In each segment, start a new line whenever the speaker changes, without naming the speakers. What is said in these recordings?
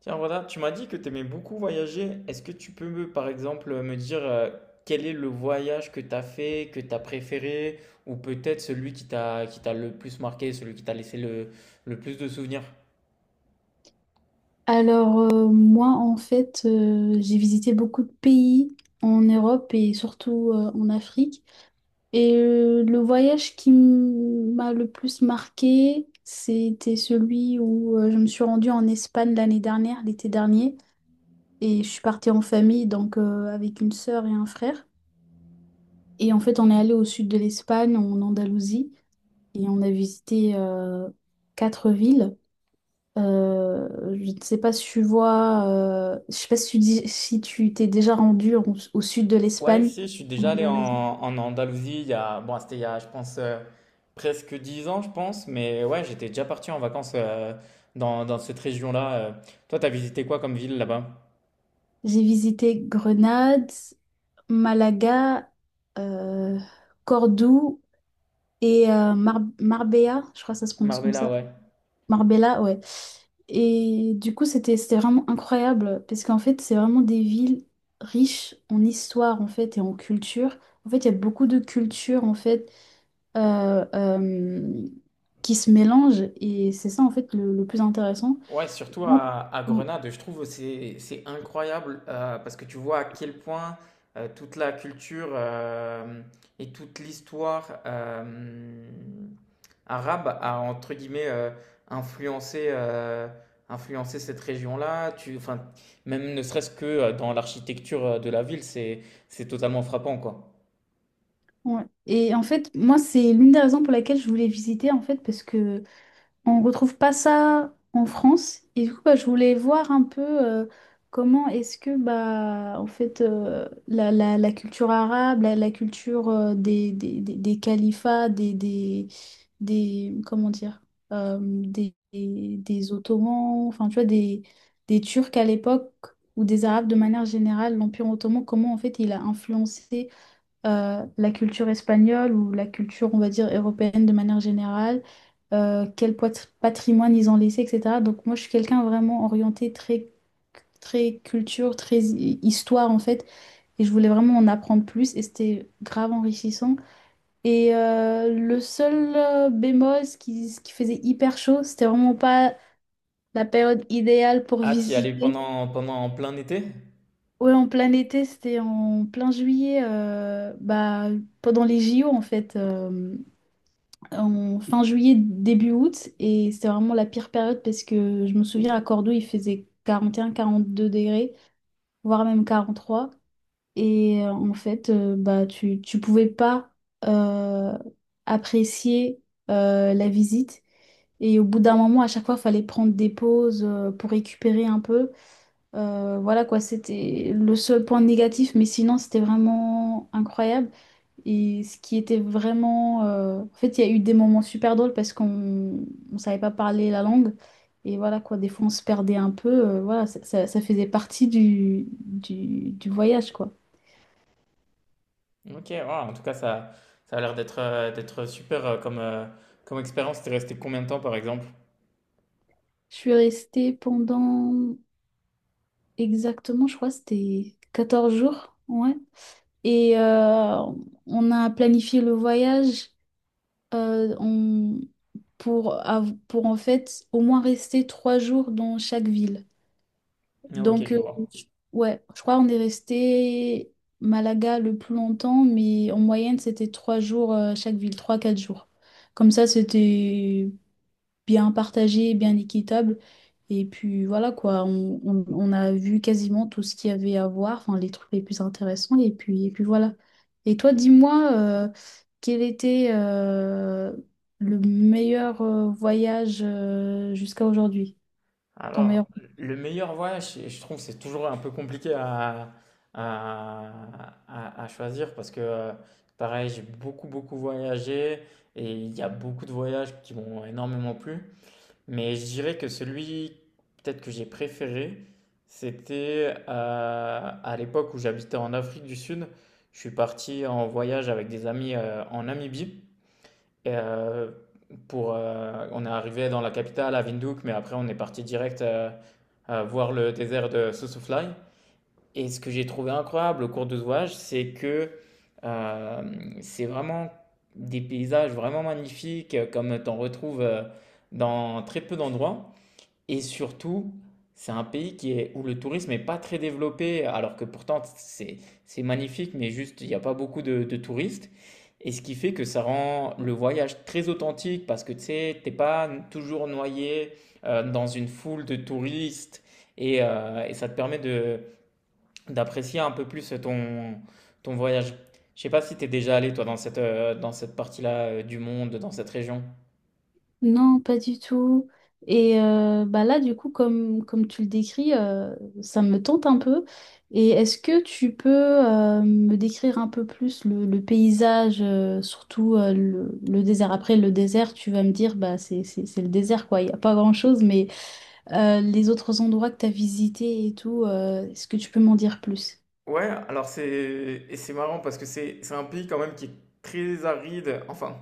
Tiens, voilà, tu m'as dit que tu aimais beaucoup voyager. Est-ce que tu peux, par exemple, me dire quel est le voyage que tu as fait, que tu as préféré, ou peut-être celui qui t'a le plus marqué, celui qui t'a laissé le plus de souvenirs?
Moi, j'ai visité beaucoup de pays en Europe et surtout en Afrique. Le voyage qui m'a le plus marqué, c'était celui où je me suis rendue en Espagne l'année dernière, l'été dernier. Et je suis partie en famille, donc avec une sœur et un frère. Et en fait, on est allé au sud de l'Espagne, en Andalousie, et on a visité 4 villes. Euh, je ne sais pas si tu vois, je sais pas si si tu t'es déjà au sud de
Ouais,
l'Espagne.
si, je suis
En
déjà allé
Andalousie.
en Andalousie il y a, bon, c'était il y a, je pense, presque 10 ans, je pense, mais ouais, j'étais déjà parti en vacances dans cette région-là. Toi, t'as visité quoi comme ville là-bas?
J'ai visité Grenade, Malaga, euh, Cordoue et euh, Marbella, je crois que ça se prononce comme
Marbella,
ça.
ouais.
Marbella, ouais. Et du coup, c'était vraiment incroyable parce qu'en fait, c'est vraiment des villes riches en histoire en fait et en culture. En fait, il y a beaucoup de culture en fait euh, euh, qui se mélangent et c'est ça en fait le plus intéressant.
Ouais, surtout
Moi,
à
on-
Grenade, je trouve c'est incroyable parce que tu vois à quel point toute la culture et toute l'histoire arabe a entre guillemets influencé euh, influencé cette région-là. Enfin, même ne serait-ce que dans l'architecture de la ville, c'est totalement frappant quoi.
et en fait, moi, c'est l'une des raisons pour laquelle je voulais visiter en fait parce que On retrouve pas ça en France. Et du coup, bah, je voulais voir un peu comment est-ce que bah, en fait, la culture arabe, la culture euh, des califats, comment dire, des Ottomans, enfin, tu vois, des Turcs à l'époque, ou des Arabes de manière générale, l'Empire ottoman, comment en fait il a influencé la culture espagnole ou la culture, on va dire, européenne de manière générale, euh, patrimoine ils ont laissé, etc. Donc moi, je suis quelqu'un vraiment orienté très, très culture, très histoire, en fait. Et je voulais vraiment en apprendre plus et c'était grave enrichissant. Le seul bémol, ce qui faisait hyper chaud, c'était vraiment pas la période idéale pour
Ah, t'y allais
visiter.
pendant en plein été?
Ouais, en plein été, c'était en plein juillet, pendant les JO en fait. En fin juillet, début août, et c'était vraiment la pire période parce que je me souviens à Cordoue, il faisait 41, 42 degrés, voire même 43. Bah, tu pouvais pas euh, apprécier la visite. Et au bout d'un moment, à chaque fois, il fallait prendre des pauses pour récupérer un peu. Voilà quoi, c'était le seul point négatif, mais sinon, c'était vraiment incroyable. Et ce qui était vraiment... En fait, il y a eu des moments super drôles parce qu'on ne savait pas parler la langue. Et voilà quoi, des fois on se perdait un peu. Voilà, ça faisait partie du voyage quoi.
Ok, waouh, en tout cas, ça a l'air d'être super comme expérience. T'es resté combien de temps, par exemple?
Je suis restée pendant exactement, je crois, c'était 14 jours. Ouais. Et euh, on a planifié le voyage euh, on- pour, pour en fait au moins rester 3 jours dans chaque ville.
Ah, Ok,
Donc,
je vois.
je- ouais, je crois qu'on est resté Malaga le plus longtemps, mais en moyenne, c'était 3 jours chaque ville, quatre jours. Comme ça, c'était bien partagé, bien équitable. Et puis voilà quoi, on a vu quasiment tout ce qu'il y avait à voir, enfin les trucs les plus intéressants, et puis voilà. Et toi, dis-moi, quel était le meilleur voyage jusqu'à aujourd'hui? Ton meilleur.
Alors, le meilleur voyage, je trouve que c'est toujours un peu compliqué à, à choisir parce que, pareil, j'ai beaucoup voyagé et il y a beaucoup de voyages qui m'ont énormément plu. Mais je dirais que celui peut-être que j'ai préféré, c'était à l'époque où j'habitais en Afrique du Sud. Je suis parti en voyage avec des amis en Namibie. Et, on est arrivé dans la capitale, à Windhoek, mais après on est parti direct voir le désert de Sossusvlei. Et ce que j'ai trouvé incroyable au cours de ce voyage, c'est que euh, c'est vraiment des paysages vraiment magnifiques, comme t'en retrouves dans très peu d'endroits. Et surtout, c'est un pays où le tourisme n'est pas très développé, alors que pourtant c'est magnifique, mais juste il n'y a pas beaucoup de touristes. Et ce qui fait que ça rend le voyage très authentique parce que tu sais, t'es pas toujours noyé dans une foule de touristes et ça te permet de d'apprécier un peu plus ton voyage. Je sais pas si t'es déjà allé toi dans dans cette partie-là du monde, dans cette région.
Non, pas du tout. Bah là, du coup, comme, comme tu le décris, ça me tente un peu. Et est-ce que tu peux me décrire un peu plus le paysage, surtout le désert? Après, le désert, tu vas me dire, bah, c'est le désert, quoi. Il n'y a pas grand-chose, mais les autres endroits que tu as visités et tout, est-ce que tu peux m'en dire plus?
Ouais, alors c'est marrant parce que c'est un pays quand même qui est très aride, enfin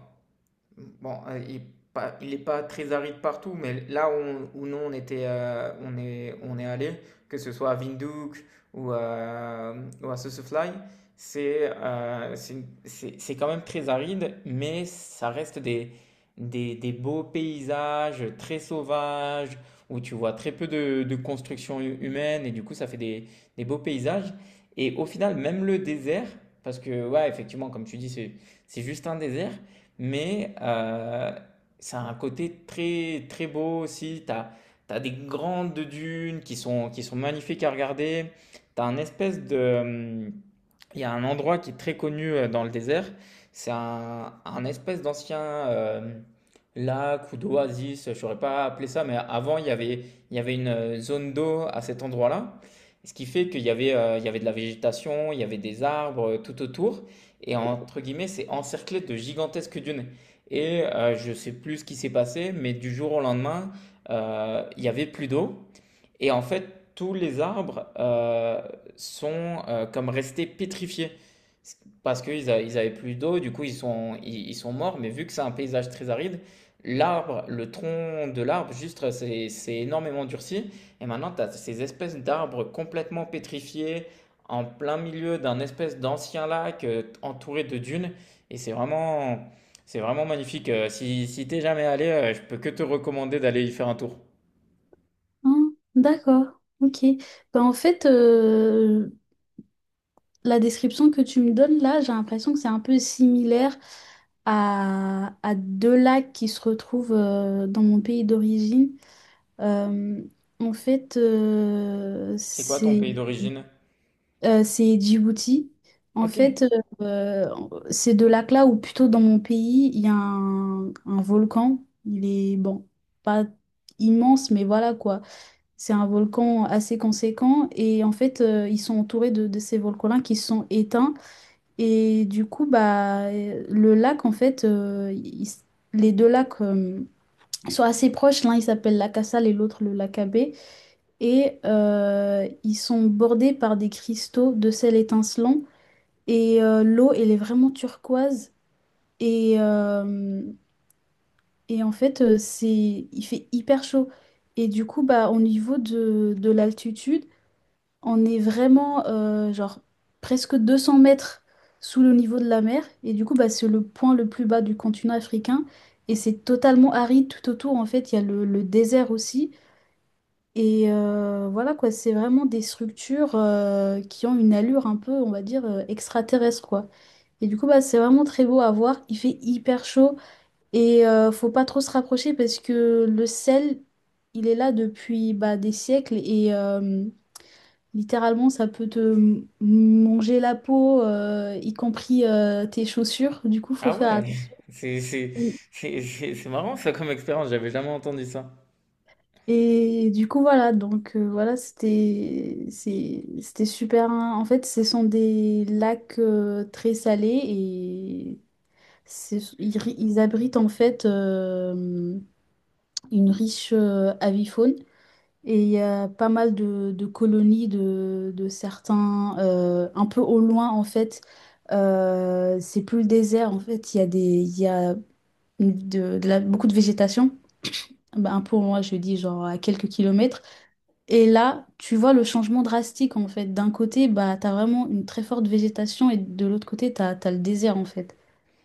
bon, il n'est pas il est pas très aride partout, mais là où nous on était, on est allé, que ce soit à Windhoek ou à, mmh, ou à Sossusvlei, c'est une c'est quand même très aride, mais ça reste des des beaux paysages très sauvages, où tu vois très peu de construction hu humaine et du coup ça fait des beaux paysages et au final même le désert, parce que ouais effectivement comme tu dis c'est juste un désert, mais ça a un côté très très beau aussi. Tu as des grandes dunes qui sont magnifiques à regarder. Tu as un espèce de... hum, il y a un endroit qui est très connu dans le désert. C'est un espèce d'ancien lac ou d'oasis, je ne saurais pas appeler ça, mais avant, il y avait une zone d'eau à cet endroit-là. Ce qui fait qu'il y avait, il y avait de la végétation, il y avait des arbres tout autour et entre guillemets, c'est encerclé de gigantesques dunes. Et je sais plus ce qui s'est passé, mais du jour au lendemain, il y avait plus d'eau et en fait, tous les arbres sont comme restés pétrifiés parce qu'avaient plus d'eau, du coup ils sont morts. Mais vu que c'est un paysage très aride, le tronc de l'arbre, juste c'est énormément durci. Et maintenant, tu as ces espèces d'arbres complètement pétrifiés en plein milieu d'un espèce d'ancien lac entouré de dunes. Et c'est vraiment magnifique. Si, si t'es jamais allé, je peux que te recommander d'aller y faire un tour.
Hein d'accord, ok. Bah, en fait, la description que tu me donnes là, j'ai l'impression que c'est un peu similaire à 2 lacs qui se retrouvent dans mon pays d'origine. Euh, en fait,
C'est quoi ton
c'est
pays d'origine?
C'est Djibouti. En fait,
OK.
euh, euh, Ces 2 lacs-là, ou plutôt dans mon pays, il y a un volcan. Il est, bon, pas immense, mais voilà quoi. C'est un volcan assez conséquent. Et en fait, ils sont entourés de ces volcans-là qui sont éteints. Et du coup, bah, le lac, en fait, il s- les 2 lacs sont assez proches. L'un, il s'appelle lac Cassale et l'autre, le lac Abbé. Ils sont bordés par des cristaux de sel étincelant. L'eau, elle est vraiment turquoise. Et, euh, il fait hyper chaud. Et du coup, bah, au niveau de l'altitude, on est vraiment genre presque 200 mètres sous le niveau de la mer, et du coup bah, c'est le point le plus bas du continent africain, et c'est totalement aride tout autour. En fait il y a le désert aussi, voilà quoi, c'est vraiment des structures qui ont une allure un peu on va dire extraterrestre quoi. Et du coup bah, c'est vraiment très beau à voir, il fait hyper chaud, faut pas trop se rapprocher parce que le sel il est là depuis bah, des siècles, littéralement, ça peut te manger la peau, y compris tes chaussures. Du coup, faut
Ah
faire
ouais!
attention.
C'est c'est c'est marrant ça comme expérience, j'avais jamais entendu ça.
Et du coup, voilà. Donc, c'était super. Hein. En fait, ce sont des lacs très salés et ils abritent en fait une riche avifaune. Et il y a pas mal de colonies de certains, un peu au loin en fait. C'est plus le désert en fait. Il y a il y a beaucoup de végétation. Bah, un peu au loin, je dis genre à quelques kilomètres. Et là, tu vois le changement drastique en fait. D'un côté, bah, tu as vraiment une très forte végétation et de l'autre côté, tu as, le désert en fait.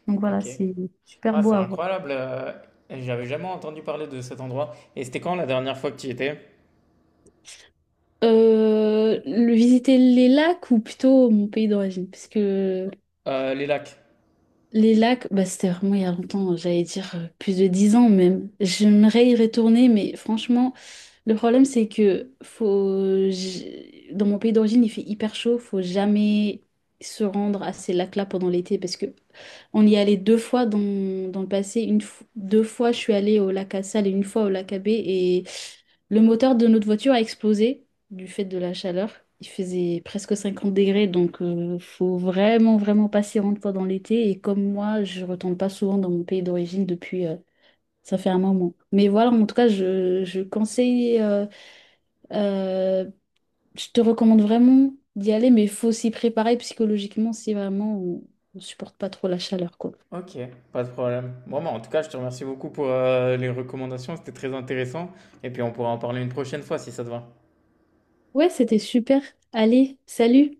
Donc voilà,
OK.
c'est super
Ah,
beau
c'est
à voir.
incroyable, j'avais jamais entendu parler de cet endroit. Et c'était quand la dernière fois que tu y étais?
Le visiter les lacs ou plutôt mon pays d'origine, parce que
Les lacs.
les lacs, bah, c'était vraiment il y a longtemps, j'allais dire plus de 10 ans même. J'aimerais y retourner, mais franchement, le problème c'est que faut... dans mon pays d'origine, il fait hyper chaud, faut jamais se rendre à ces lacs-là pendant l'été parce que on y est allé 2 fois dans le passé. 2 fois, je suis allée au lac à Salles et une fois au lac à Baie et le moteur de notre voiture a explosé du fait de la chaleur. Il faisait presque 50 degrés, donc faut vraiment, vraiment passer une fois dans l'été. Et comme moi, je retourne pas souvent dans mon pays d'origine depuis, ça fait un moment. Mais voilà, en tout cas, je conseille, euh, je te recommande vraiment d'y aller, mais il faut s'y préparer psychologiquement si vraiment on supporte pas trop la chaleur, quoi.
Ok, pas de problème. Bon, bah, en tout cas, je te remercie beaucoup pour les recommandations, c'était très intéressant. Et puis on pourra en parler une prochaine fois si ça te va.
Ouais, c'était super. Allez, salut!